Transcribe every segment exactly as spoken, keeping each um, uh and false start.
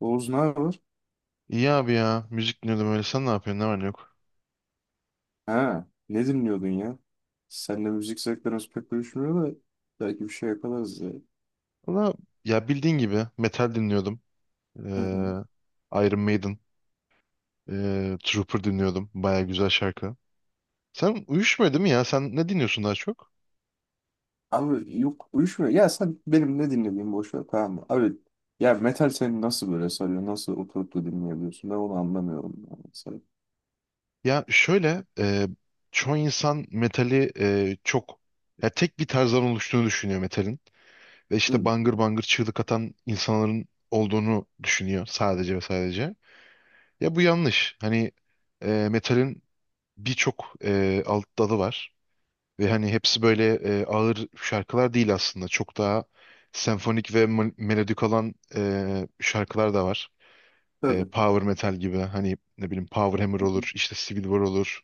Oğuz ne haber? İyi abi ya. Müzik dinliyordum öyle. Sen ne yapıyorsun? Ne var ne yok? Ha, ne dinliyordun ya? Seninle müzik zevklerimiz pek uyuşmuyor da belki bir şey yaparız ya. Valla ya bildiğin gibi metal dinliyordum. Hı hı. Ee, Iron Maiden, ee, Trooper dinliyordum. Baya güzel şarkı. Sen uyuşmuyor değil mi ya? Sen ne dinliyorsun daha çok? Abi yok uyuşmuyor. Ya sen benim ne dinlediğimi boş ver, tamam mı? Abi, ya metal seni nasıl böyle sarıyor? Nasıl oturup da dinleyebiliyorsun? Ben onu anlamıyorum yani, mesela. Ya şöyle ee, çoğu insan metali ee, çok ya tek bir tarzdan oluştuğunu düşünüyor metalin. Ve işte Hı, bangır bangır çığlık atan insanların olduğunu düşünüyor sadece ve sadece. Ya bu yanlış. Hani ee, metalin birçok ee, alt dalı var. Ve hani hepsi böyle e, ağır şarkılar değil aslında. Çok daha senfonik ve mel- melodik olan e, şarkılar da var. E, tabii. Power metal gibi hani ne bileyim Power Hammer Hı hı. olur, işte Civil War olur.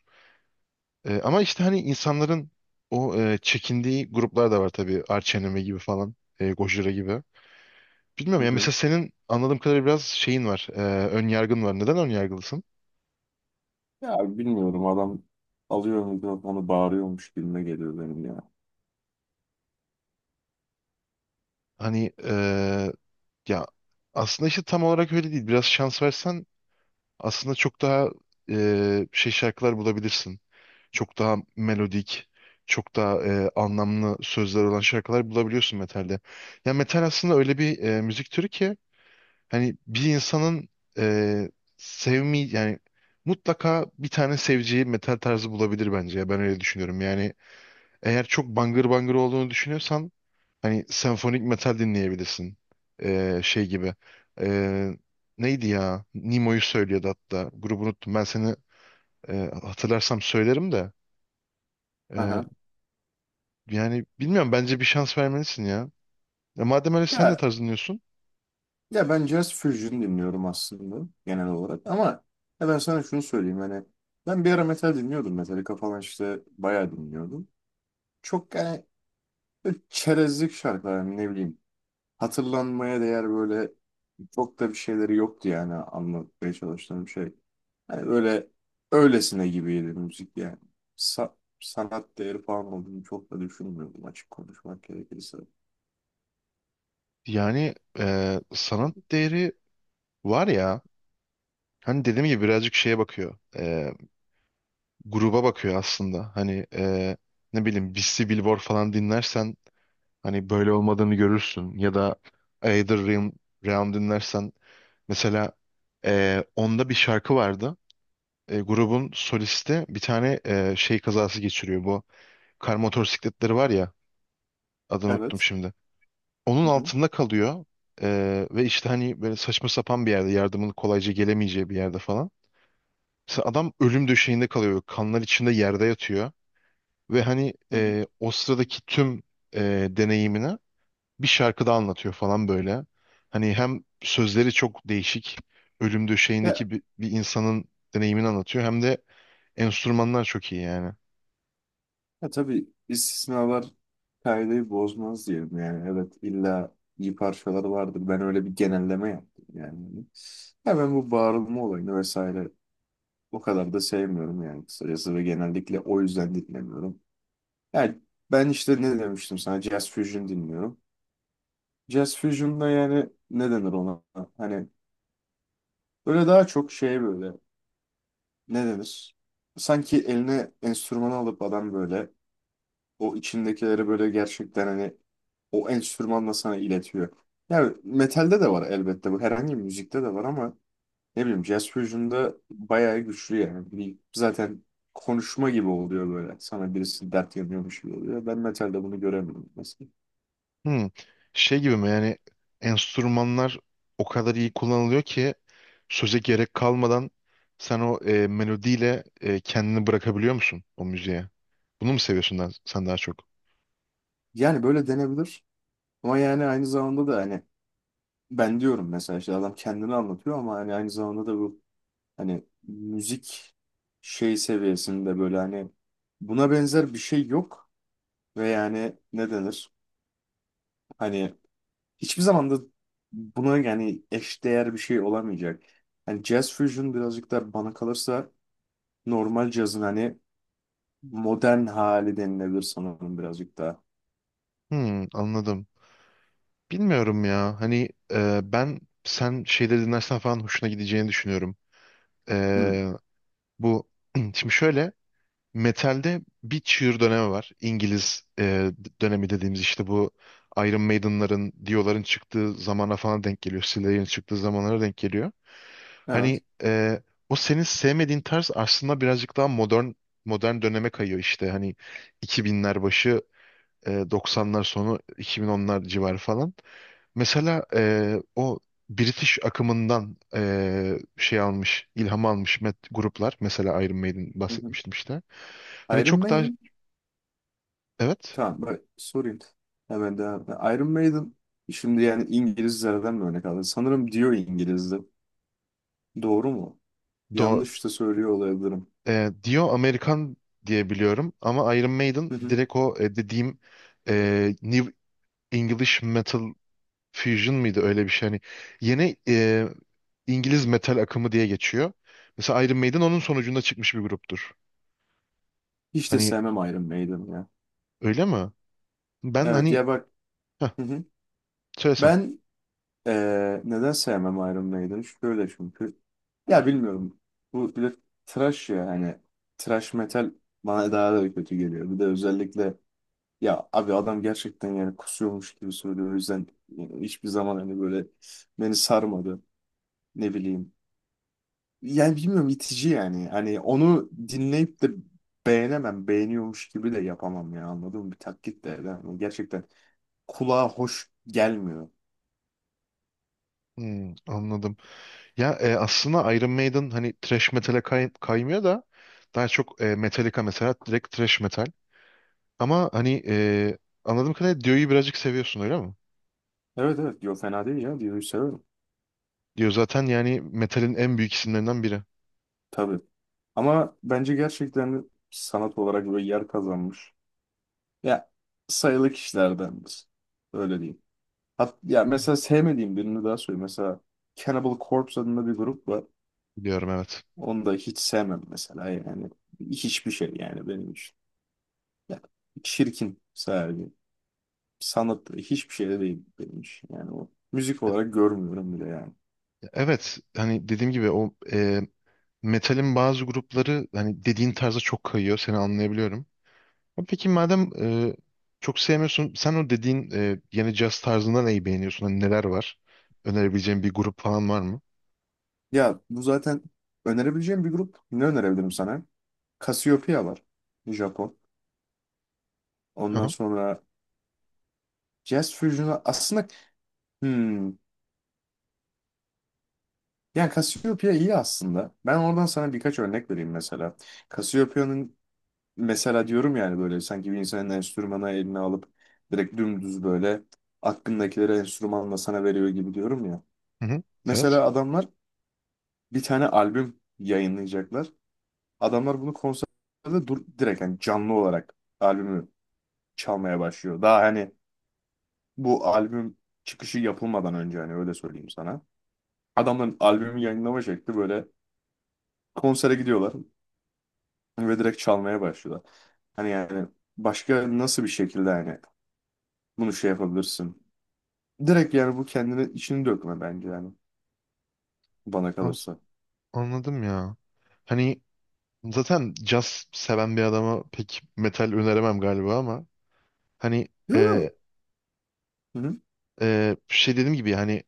E, ama işte hani insanların o e, çekindiği gruplar da var tabii. Arch Enemy gibi falan, e, Gojira gibi. Bilmiyorum Hı ya hı. mesela senin anladığım kadarıyla biraz şeyin var, e, ön yargın var. Neden ön yargılısın? Ya bilmiyorum, adam alıyor mikrofonu bağırıyormuş gibime geliyor benim ya. Hani e, ya aslında işte tam olarak öyle değil. Biraz şans versen aslında çok daha e, şey şarkılar bulabilirsin. Çok daha melodik, çok daha e, anlamlı sözler olan şarkılar bulabiliyorsun metalde. Ya metal aslında öyle bir e, müzik türü ki hani bir insanın e, sevmi yani mutlaka bir tane seveceği metal tarzı bulabilir bence. Ya ben öyle düşünüyorum. Yani eğer çok bangır bangır olduğunu düşünüyorsan hani senfonik metal dinleyebilirsin. Ee, şey gibi. Ee, Neydi ya? Nemo'yu söylüyordu hatta. Grubu unuttum. Ben seni e, hatırlarsam söylerim de. Ee, Aha. Yani bilmiyorum. Bence bir şans vermelisin ya. E, madem öyle sen de Ya tarz dinliyorsun. Ya ben Jazz Fusion dinliyorum aslında genel olarak, ama ya ben sana şunu söyleyeyim hani, ben bir ara metal dinliyordum. Metallica falan işte bayağı dinliyordum. Çok yani, böyle çerezlik şarkılar yani, ne bileyim, hatırlanmaya değer, böyle çok da bir şeyleri yoktu yani, anlatmaya çalıştığım şey. Hani böyle öylesine gibiydi müzik yani. Sa- Sanat değeri falan olduğunu çok da düşünmüyordum, açık konuşmak gerekirse. Yani e, sanat değeri var ya. Hani dediğim gibi birazcık şeye bakıyor. E, gruba bakıyor aslında. Hani e, ne bileyim Beastie Billboard falan dinlersen hani böyle olmadığını görürsün. Ya da Either Realm Round dinlersen mesela e, onda bir şarkı vardı. E, grubun solisti bir tane e, şey kazası geçiriyor. Bu kar motosikletleri var ya, adını unuttum Evet. şimdi. Onun Hı hı. altında kalıyor. E, Ve işte hani böyle saçma sapan bir yerde, yardımın kolayca gelemeyeceği bir yerde falan. Mesela adam ölüm döşeğinde kalıyor. Kanlar içinde yerde yatıyor. Ve hani Hı hı. e, o sıradaki tüm e, deneyimini bir şarkıda anlatıyor falan böyle. Hani hem sözleri çok değişik, ölüm döşeğindeki bir, bir insanın deneyimini anlatıyor, hem de enstrümanlar çok iyi yani. Ya tabii, istisnalar kaideyi bozmaz diyelim yani. Evet, illa iyi parçalar vardır. Ben öyle bir genelleme yaptım yani. Ya ben bu bağırılma olayını vesaire o kadar da sevmiyorum yani, kısacası, ve genellikle o yüzden dinlemiyorum. Yani ben işte ne demiştim sana, Jazz Fusion dinliyorum. Jazz Fusion'da yani, ne denir ona? Hani böyle daha çok şey, böyle, ne denir? Sanki eline enstrümanı alıp adam böyle o içindekileri böyle gerçekten hani o enstrümanla sana iletiyor. Yani metalde de var elbette bu. Herhangi bir müzikte de var ama ne bileyim, Jazz Fusion'da bayağı güçlü yani. Bir- Zaten konuşma gibi oluyor böyle. Sana birisi dert yanıyormuş gibi oluyor. Ben metalde bunu göremiyorum mesela. Hmm. Şey gibi mi yani, enstrümanlar o kadar iyi kullanılıyor ki söze gerek kalmadan sen o e, melodiyle e, kendini bırakabiliyor musun o müziğe? Bunu mu seviyorsun daha- sen daha çok? Yani böyle denebilir. Ama yani aynı zamanda da hani, ben diyorum mesela, işte adam kendini anlatıyor, ama hani aynı zamanda da bu, hani müzik şey seviyesinde, böyle hani, buna benzer bir şey yok. Ve yani ne denir? Hani hiçbir zaman da buna yani eşdeğer bir şey olamayacak. Hani jazz fusion birazcık da bana kalırsa normal cazın hani modern hali denilebilir sanırım, birazcık daha. Hmm, anladım. Bilmiyorum ya. Hani e, ben sen şeyleri dinlersen falan hoşuna gideceğini düşünüyorum. Hı, E, Bu şimdi şöyle, metalde bir çığır dönemi var. İngiliz e, dönemi dediğimiz işte bu Iron Maiden'ların, Dio'ların çıktığı zamana falan denk geliyor. Slayer'in çıktığı zamanlara denk geliyor. Hani evet. e, o senin sevmediğin tarz aslında birazcık daha modern, modern döneme kayıyor işte. Hani iki binler başı, e, doksanlar sonu, iki bin onlar civarı falan. Mesela eee, o British akımından eee, şey almış, ilham almış met gruplar. Mesela Iron Maiden Hı hı. bahsetmiştim işte. Hani Iron çok daha Maiden? evet Tamam bak, sorayım. Hemen devam. Iron Maiden, şimdi yani İngilizlerden mi örnek aldın? Sanırım diyor İngiliz'de. Doğru mu? do, Yanlış da söylüyor olabilirim. eee, Dio Amerikan diye biliyorum ama Iron Maiden Hı hı. direkt o e, dediğim eee, New English Metal Fusion mıydı öyle bir şey. Hani yeni eee, İngiliz metal akımı diye geçiyor. Mesela Iron Maiden onun sonucunda çıkmış bir gruptur. Hiç de Hani sevmem Iron Maiden ya. öyle mi? Ben Evet hani ya, bak. heh, Hı hı. söylesen. Ben Ee, neden sevmem Iron Maiden'ı? Şöyle, çünkü ya bilmiyorum. Bu bir de trash ya, hani trash metal bana daha da kötü geliyor. Bir de özellikle ya abi, adam gerçekten yani kusuyormuş gibi söylüyor. O yüzden yani hiçbir zaman hani böyle beni sarmadı. Ne bileyim. Yani bilmiyorum, itici yani. Hani onu dinleyip de beğenemem. Beğeniyormuş gibi de yapamam ya, anladın mı? Bir taklit de. Yani gerçekten kulağa hoş gelmiyor. Hmm, anladım. Ya e, aslında Iron Maiden hani thrash metal'e kay- kaymıyor da daha çok e, Metallica mesela direkt thrash metal. Ama hani e, anladığım kadarıyla Dio'yu birazcık seviyorsun öyle mi? Evet evet, diyor, fena değil ya. Diyo'yu severim. Dio zaten yani metalin en büyük isimlerinden biri. Tabii. Ama bence gerçekten sanat olarak böyle yer kazanmış. Ya, sayılı kişilerdendir. Öyle diyeyim. Hat ya, mesela Hmm. sevmediğim birini daha söyleyeyim. Mesela Cannibal Corpse adında bir grup var. Biliyorum, evet. Onu da hiç sevmem mesela yani. Hiçbir şey yani benim için. Ya, çirkin sadece. Sanat hiçbir şey de değil benim için. Yani o müzik olarak görmüyorum bile yani. Evet, hani dediğim gibi o e, metalin bazı grupları hani dediğin tarza çok kayıyor, seni anlayabiliyorum. Ama peki madem e, çok sevmiyorsun sen o dediğin e, yeni caz tarzında neyi beğeniyorsun? Hani neler var? Önerebileceğin bir grup falan var mı? Ya bu zaten önerebileceğim bir grup. Ne önerebilirim sana? Cassiopeia var. Japon. Ondan sonra Jazz Fusion'u aslında, hmm, yani Cassiopeia iyi aslında. Ben oradan sana birkaç örnek vereyim mesela. Cassiopeia'nın mesela, diyorum yani böyle sanki bir insanın enstrümanı eline alıp direkt dümdüz böyle aklındakileri enstrümanla sana veriyor gibi diyorum ya. Hı hı. Evet. Mesela adamlar bir tane albüm yayınlayacaklar. Adamlar bunu konserde dur, direkt yani canlı olarak albümü çalmaya başlıyor. Daha hani bu albüm çıkışı yapılmadan önce, hani öyle söyleyeyim sana. Adamların albümü yayınlama şekli böyle, konsere gidiyorlar ve direkt çalmaya başlıyorlar. Hani yani başka nasıl bir şekilde hani bunu şey yapabilirsin? Direkt yani bu kendini içini dökme bence yani, bana An- kalırsa. anladım ya. Hani zaten caz seven bir adama pek metal öneremem galiba ama hani Yo, yo. e, Hı hı, e, şey dediğim gibi hani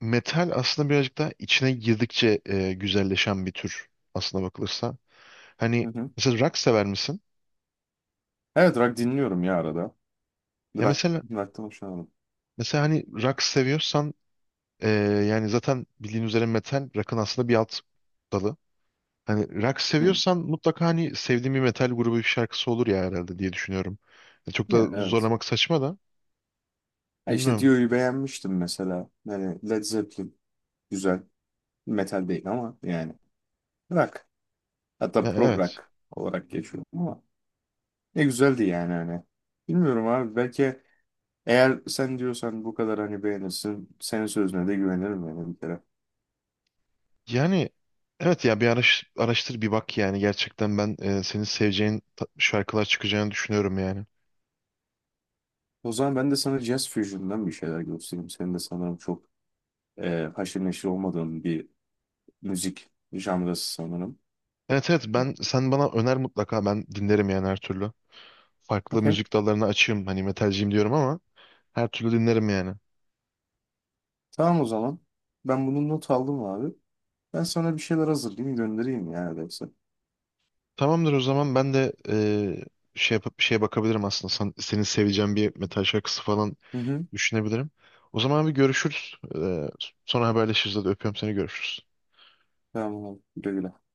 metal aslında birazcık daha içine girdikçe e, güzelleşen bir tür aslına bakılırsa. Hani hı hı. mesela rock sever misin? Evet, rock dinliyorum ya arada. Ya Rock, mesela rock'tan hoşlanırım. mesela hani rock seviyorsan e, yani zaten bildiğin üzere metal rock'ın aslında bir alt dalı. Hani rock Hı. seviyorsan mutlaka hani sevdiğin bir metal grubu bir şarkısı olur ya herhalde diye düşünüyorum. Ya çok da Ya, evet. zorlamak saçma da Ha, işte bilmiyorum. Dio'yu beğenmiştim mesela. Yani Led Zeppelin güzel. Metal değil ama yani rock. Hatta Ya prog evet. rock olarak geçiyor ama. Ne güzeldi yani hani. Bilmiyorum abi, belki eğer sen diyorsan bu kadar hani beğenirsin, senin sözüne de güvenirim yani bir kere. Yani evet ya, bir araş- araştır bir bak yani gerçekten ben e, senin seveceğin ta- şarkılar çıkacağını düşünüyorum yani. O zaman ben de sana Jazz Fusion'dan bir şeyler göstereyim. Senin de sanırım çok e, haşır neşir olmadığın bir müzik janrası sanırım. Evet evet, ben sen bana öner mutlaka, ben dinlerim yani her türlü. Farklı Okey. müzik dallarına açığım, hani metalciyim diyorum ama her türlü dinlerim yani. Tamam o zaman. Ben bunu not aldım abi. Ben sana bir şeyler hazırlayayım, göndereyim ya öyleyse. Tamamdır o zaman, ben de e, şey yapıp bir şeye bakabilirim aslında. Sen, senin seveceğin bir metal şarkısı falan Hı hı. düşünebilirim. O zaman bir görüşürüz. Ee, sonra haberleşiriz. Hadi öpüyorum seni, görüşürüz. Tamam abi. Güle güle.